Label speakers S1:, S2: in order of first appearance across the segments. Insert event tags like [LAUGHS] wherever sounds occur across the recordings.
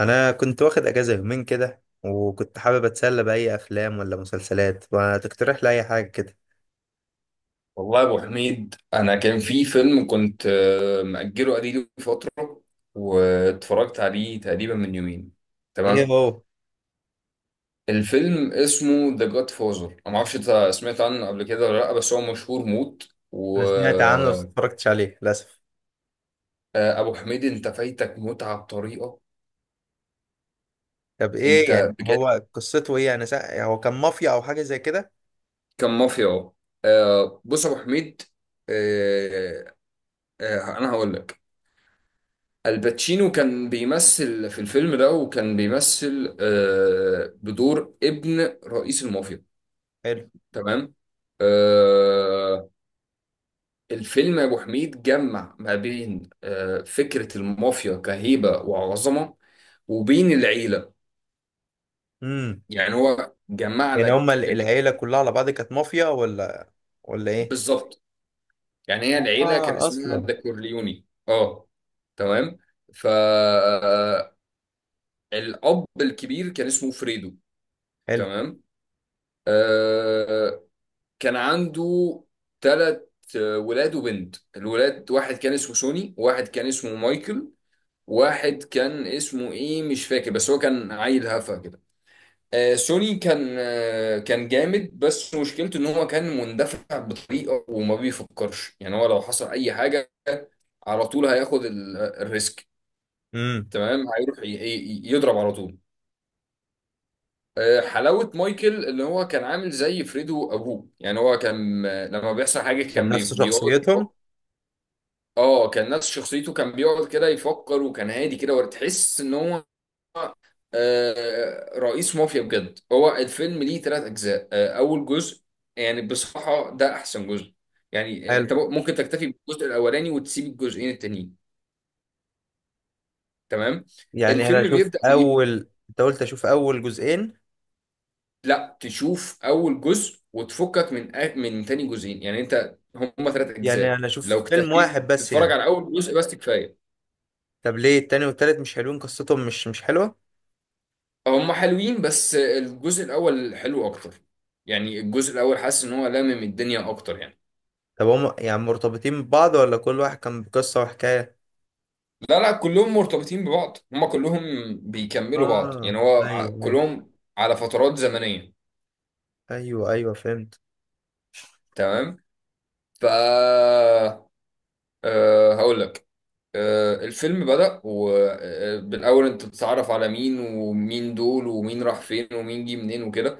S1: انا كنت واخد اجازه يومين كده، وكنت حابب اتسلى باي افلام ولا مسلسلات. ما تقترح لي اي حاجه كده؟
S2: والله يا ابو حميد، انا كان في فيلم كنت مأجله قديم فتره. واتفرجت عليه تقريبا من يومين.
S1: ايه
S2: تمام.
S1: هو؟
S2: الفيلم اسمه ذا جاد فازر. انا ما اعرفش انت سمعت عنه قبل كده ولا لا، بس هو مشهور موت.
S1: انا سمعت عنه بس
S2: وابو
S1: اتفرجتش عليه للاسف.
S2: حميد، انت فايتك متعه بطريقه.
S1: طب ايه
S2: انت
S1: يعني؟
S2: بجد؟
S1: هو قصته ايه؟ هو كان مافيا او حاجه زي كده؟
S2: كان مافيا. بص يا ابو حميد. آه، انا هقول لك. الباتشينو كان بيمثل في الفيلم ده، وكان بيمثل بدور ابن رئيس المافيا.
S1: حلو.
S2: تمام. آه، الفيلم يا ابو حميد جمع ما بين فكرة المافيا كهيبة وعظمة، وبين العيلة.
S1: امم.
S2: يعني هو جمع
S1: يعني هما
S2: لك
S1: العيله كلها على بعض كانت مافيا ولا ايه؟
S2: بالظبط. يعني هي العيلة كان
S1: اه
S2: اسمها
S1: اصلا.
S2: ذا كورليوني. اه. تمام. فالأب الكبير كان اسمه فريدو.
S1: حلو.
S2: تمام. آه، كان عنده ثلاث ولاد وبنت. الولاد، واحد كان اسمه سوني، واحد كان اسمه مايكل، واحد كان اسمه ايه مش فاكر، بس هو كان عيل هفا كده. سوني كان كان جامد، بس مشكلته ان هو كان مندفع بطريقه وما بيفكرش. يعني هو لو حصل اي حاجه على طول هياخد الريسك.
S1: امم.
S2: تمام. هيروح يضرب على طول. حلاوة. مايكل اللي هو كان عامل زي فريدو أبوه، يعني هو كان لما بيحصل حاجة
S1: كان
S2: كان
S1: نفس
S2: بيقعد.
S1: شخصيتهم.
S2: اه كان نفس شخصيته، كان بيقعد كده يفكر، وكان هادي كده، وتحس ان هو رئيس مافيا بجد. هو الفيلم ليه ثلاث اجزاء. اول جزء يعني بصراحه ده احسن جزء. يعني انت
S1: حلو.
S2: ممكن تكتفي بالجزء الاولاني وتسيب الجزئين التانيين. تمام.
S1: يعني انا
S2: الفيلم
S1: اشوف
S2: بيبدا بايه.
S1: اول، انت قلت اشوف اول جزئين؟
S2: لا، تشوف اول جزء وتفكك من من تاني جزئين. يعني انت هم ثلاث
S1: يعني
S2: اجزاء،
S1: انا اشوف
S2: لو
S1: فيلم
S2: اكتفيت
S1: واحد بس
S2: تتفرج
S1: يعني؟
S2: على اول جزء بس كفايه.
S1: طب ليه التاني والتالت مش حلوين؟ قصتهم مش حلوة؟
S2: هم حلوين، بس الجزء الاول حلو اكتر. يعني الجزء الاول حاسس ان هو لامم الدنيا اكتر يعني.
S1: طب هم يعني مرتبطين ببعض ولا كل واحد كان بقصة وحكاية؟
S2: لا لا، كلهم مرتبطين ببعض، هم كلهم بيكملوا بعض. يعني
S1: اه.
S2: هو
S1: ايوه، ايوه.
S2: كلهم على فترات زمنية.
S1: ايوه، ايوه، فهمت.
S2: تمام. ف أه هقول لك. الفيلم بدأ، وبالأول أنت بتتعرف على مين ومين دول، ومين راح فين، ومين جه منين وكده.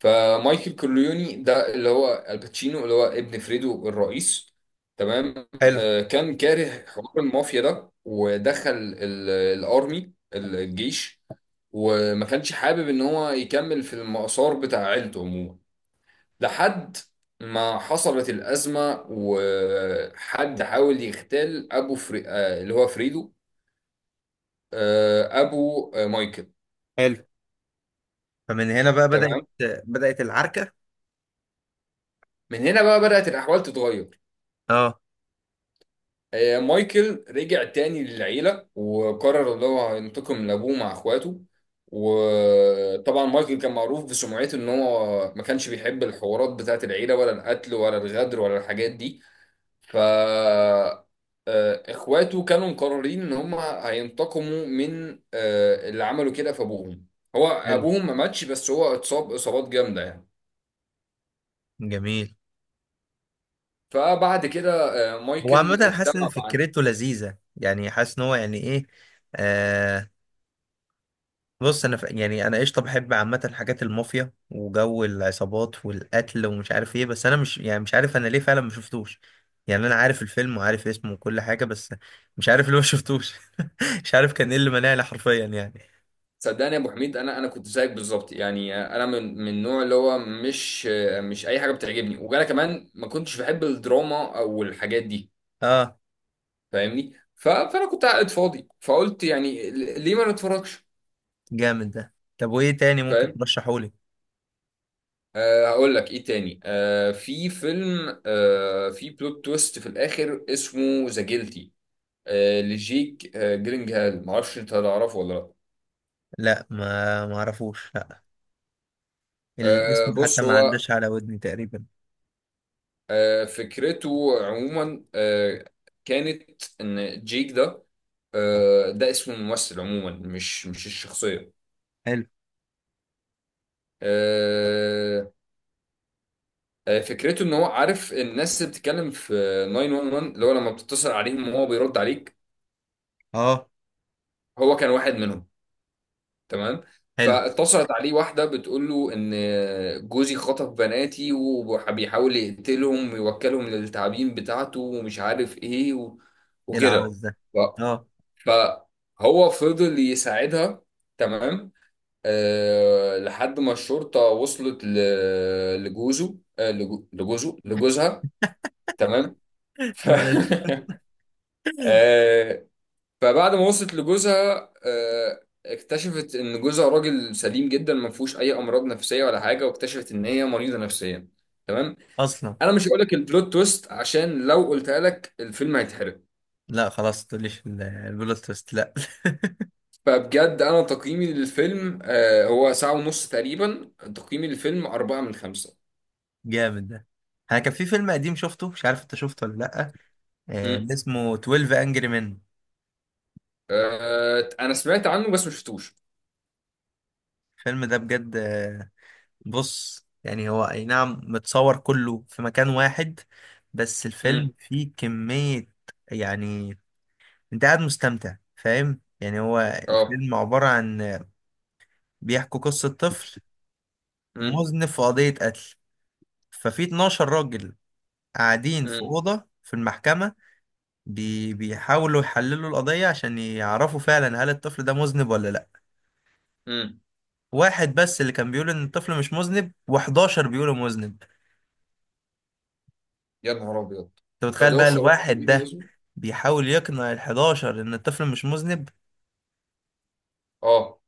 S2: فمايكل كورليوني ده اللي هو الباتشينو، اللي هو ابن فريدو الرئيس. تمام.
S1: حلو.
S2: كان كاره حوار المافيا ده، ودخل الأرمي، الجيش. وما كانش حابب إن هو يكمل في المسار بتاع عيلته عموما، لحد ما حصلت الأزمة وحد حاول يغتال أبو فري... آه، اللي هو فريدو، أبو مايكل.
S1: حلو، فمن هنا بقى بدأت
S2: تمام.
S1: بدأت العركة.
S2: من هنا بقى بدأت الأحوال تتغير.
S1: اه.
S2: مايكل رجع تاني للعيلة، وقرر إن هو هينتقم لأبوه مع إخواته. وطبعا مايكل كان معروف بسمعته إن هو ما كانش بيحب الحوارات بتاعت العيلة، ولا القتل، ولا الغدر، ولا الحاجات دي. ف آه، اخواته كانوا مقررين ان هم هينتقموا من اللي عملوا كده في ابوهم. هو
S1: حلو.
S2: ابوهم ما ماتش، بس هو اتصاب اصابات جامده يعني.
S1: جميل.
S2: فبعد كده
S1: هو
S2: مايكل
S1: عامة حاسس ان
S2: اجتمع مع.
S1: فكرته لذيذة، يعني حاسس ان هو يعني ايه؟ آه، بص انا يعني انا قشطه بحب عامه حاجات المافيا وجو العصابات والقتل ومش عارف ايه، بس انا مش، يعني مش عارف انا ليه فعلا ما شفتوش. يعني انا عارف الفيلم وعارف اسمه وكل حاجه، بس مش عارف ليه ما شفتوش. [LAUGHS] مش عارف كان ايه اللي منعني حرفيا يعني.
S2: صدقني يا ابو حميد، انا كنت زيك بالظبط. يعني انا من النوع اللي هو مش اي حاجه بتعجبني، وانا كمان ما كنتش بحب الدراما او الحاجات دي.
S1: اه.
S2: فاهمني. فانا كنت قاعد فاضي، فقلت يعني ليه ما نتفرجش.
S1: جامد ده. طب وايه تاني ممكن ترشحولي؟
S2: هقول لك ايه تاني. في فيلم في بلوت تويست في الاخر، اسمه ذا جيلتي. لجيك جرينجهال. معرفش انت هتعرفه ولا لا.
S1: لا، ما اعرفوش، لا. الاسم حتى
S2: بص،
S1: ما
S2: هو
S1: عداش على ودني تقريبا.
S2: فكرته عموما كانت ان جيك ده، ده اسم الممثل عموما، مش الشخصيه.
S1: حلو.
S2: أه فكرته ان هو عارف الناس اللي بتتكلم في 911، اللي هو لما بتتصل عليهم وهو بيرد عليك.
S1: اه.
S2: هو كان واحد منهم. تمام.
S1: حلو.
S2: فاتصلت عليه واحدة بتقول له إن جوزي خطف بناتي، وبيحاول يقتلهم ويوكلهم للتعابين بتاعته، ومش عارف إيه
S1: ايه العبث
S2: وكده.
S1: ده؟
S2: ف...
S1: اه.
S2: فهو فضل يساعدها. تمام. لحد ما الشرطة وصلت ل... لجوزه أه... لجو... لجوزه لجوزها. تمام.
S1: [LAUGHS]
S2: ف...
S1: ماشي.
S2: [LAUGHS] فبعد ما وصلت لجوزها، اكتشفت ان جوزها راجل سليم جدا، ما فيهوش اي امراض نفسيه ولا حاجه، واكتشفت ان هي مريضه نفسيا. تمام.
S1: اصلا.
S2: انا مش هقول لك البلوت تويست، عشان لو قلتها لك الفيلم هيتحرق.
S1: لا، خلاص تقوليش البلوت تويست، لا. [LAUGHS]
S2: فبجد انا تقييمي للفيلم هو ساعه ونص تقريبا. تقييمي للفيلم أربعة من خمسة.
S1: جامد ده. انا كان في فيلم قديم شفته، مش عارف انت شفته ولا لا.
S2: مم.
S1: اسمه 12 انجري مان.
S2: انا سمعت عنه بس ما شفتوش.
S1: الفيلم ده بجد بص، يعني هو اي نعم متصور كله في مكان واحد، بس الفيلم
S2: مم.
S1: فيه كمية. يعني انت قاعد مستمتع، فاهم؟ يعني هو
S2: اه.
S1: الفيلم عبارة عن بيحكوا قصة طفل
S2: مم.
S1: مذنب في قضية قتل. ففي 12 راجل قاعدين في
S2: مم.
S1: أوضة في المحكمة، بيحاولوا يحللوا القضية عشان يعرفوا فعلا هل الطفل ده مذنب ولا لأ.
S2: مم.
S1: واحد بس اللي كان بيقول إن الطفل مش مذنب، و11 بيقولوا مذنب.
S2: يا نهار ابيض!
S1: أنت متخيل يا بقى نهار
S2: 11 واحد
S1: الواحد
S2: بيقولوا
S1: ده؟
S2: اسمه.
S1: بيحاول يقنع ال11 إن الطفل مش مذنب.
S2: اه.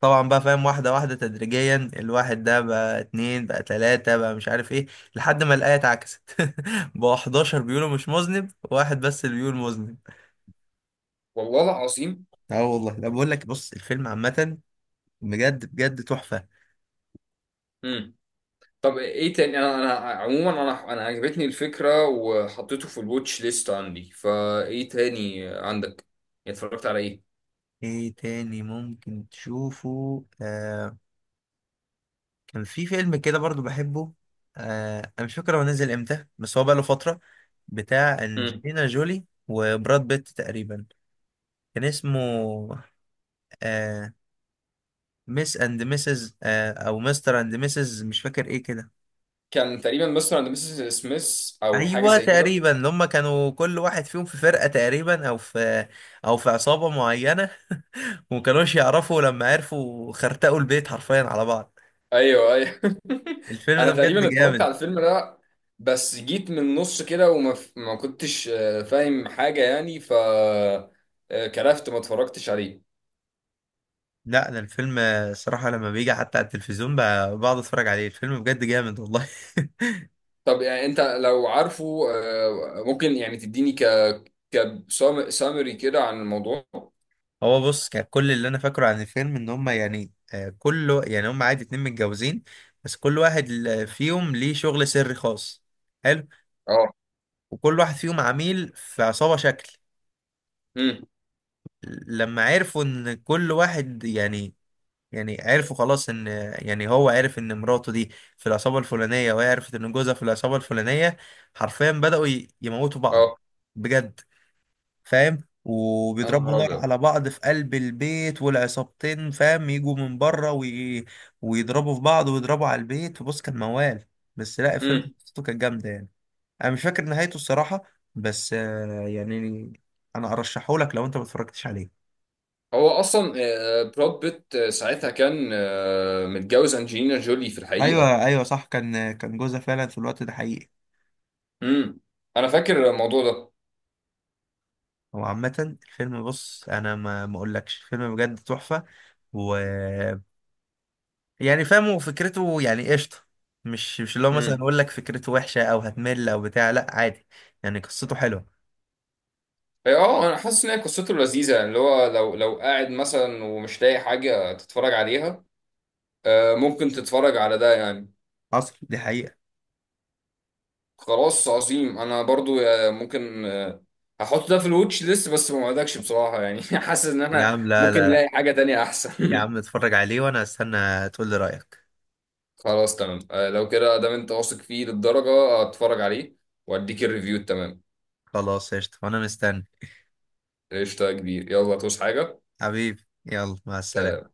S1: طبعا بقى، فاهم، واحدة واحدة تدريجيا، الواحد ده بقى اتنين، بقى تلاتة، بقى مش عارف ايه، لحد ما الآية اتعكست. [LAUGHS] بقى 11 بيقولوا مش مذنب واحد بس اللي بيقول مذنب.
S2: والله العظيم.
S1: اه والله، لا بقول لك، بص، الفيلم عامة بجد بجد تحفة.
S2: مم. طب ايه تاني؟ انا عموما انا عجبتني الفكره، وحطيته في الواتش ليست عندي. فايه تاني عندك؟ اتفرجت على ايه؟
S1: ايه تاني ممكن تشوفه كان في فيلم كده برضو بحبه. انا مش فاكر هو نزل امتى بس هو بقاله فترة. بتاع
S2: مم.
S1: انجلينا جولي وبراد بيت تقريبا. كان اسمه، آه ميس اند ميسز، او مستر اند ميسز، مش فاكر ايه كده.
S2: كان تقريبا مستر اند مسز سميث، او حاجه
S1: ايوه
S2: زي كده.
S1: تقريبا، اللي هم كانوا كل واحد فيهم في فرقة تقريبا، او في عصابة معينة. ومكانوش يعرفوا، لما عرفوا خرتقوا البيت حرفيا على بعض.
S2: ايوه، ايوه. [LAUGHS]
S1: الفيلم
S2: انا
S1: ده بجد
S2: تقريبا اتفرجت
S1: جامد.
S2: على الفيلم ده، بس جيت من النص كده ما كنتش فاهم حاجه يعني. ف آه، كرفت ما اتفرجتش عليه.
S1: لا، انا الفيلم، صراحة لما بيجي حتى على التلفزيون، بقعد اتفرج عليه. الفيلم بجد جامد والله. [LAUGHS]
S2: طب يعني انت لو عارفه ممكن يعني تديني كسامري كده عن الموضوع.
S1: هو بص، كان كل اللي انا فاكره عن الفيلم ان هم، يعني، كله يعني، هم عادي اتنين متجوزين، بس كل واحد فيهم ليه شغل سري خاص. حلو.
S2: اه.
S1: وكل واحد فيهم عميل في عصابة شكل.
S2: امم.
S1: لما عرفوا ان كل واحد يعني، يعني عرفوا خلاص ان، يعني هو عرف ان مراته دي في العصابة الفلانية، وهي عرفت ان جوزها في العصابة الفلانية. حرفيا بدأوا يموتوا بعض.
S2: اه.
S1: بجد. فاهم؟
S2: يا نهار
S1: وبيضربوا نار
S2: ابيض!
S1: على بعض في قلب البيت، والعصابتين فاهم يجوا من بره ويضربوا في بعض ويضربوا على البيت. بص، كان موال، بس لا، الفيلم
S2: امم.
S1: قصته كانت جامدة يعني. انا مش فاكر نهايته الصراحة، بس يعني انا ارشحه لك لو انت ما اتفرجتش عليه.
S2: هو اصلا براد بيت ساعتها كان متجوز انجلينا جولي في الحقيقه.
S1: ايوه، ايوه، صح، كان جوزها فعلا في الوقت ده، حقيقي.
S2: امم. انا فاكر الموضوع ده.
S1: هو عامة الفيلم، بص، انا ما اقولكش، الفيلم بجد تحفة. و... يعني فاهمه، وفكرته يعني قشطة. مش اللي هو مثلا
S2: امم.
S1: اقول لك فكرته وحشة او هتمل او بتاع، لا عادي. يعني قصته حلوة.
S2: اه. انا حاسس ان هي قصته لذيذه يعني، اللي هو لو قاعد مثلا ومش لاقي حاجه تتفرج عليها، ممكن تتفرج على ده يعني.
S1: حصل دي حقيقة.
S2: خلاص، عظيم. انا برضو ممكن هحط ده في الواتش ليست، بس ما وعدكش بصراحه يعني. [LAUGHS] حاسس ان
S1: يا
S2: انا
S1: عم لا،
S2: ممكن
S1: لا، لا.
S2: الاقي حاجه تانية
S1: يا
S2: احسن.
S1: عم، اتفرج عليه وانا استنى، تقول لي رأيك.
S2: خلاص، تمام. لو كده دام انت واثق فيه للدرجة هتفرج عليه واديك الريفيو التمام.
S1: خلاص، قشطة، وانا مستني.
S2: قشطة يا كبير. يلا توس حاجة.
S1: حبيبي يلا، مع
S2: سلام.
S1: السلامة.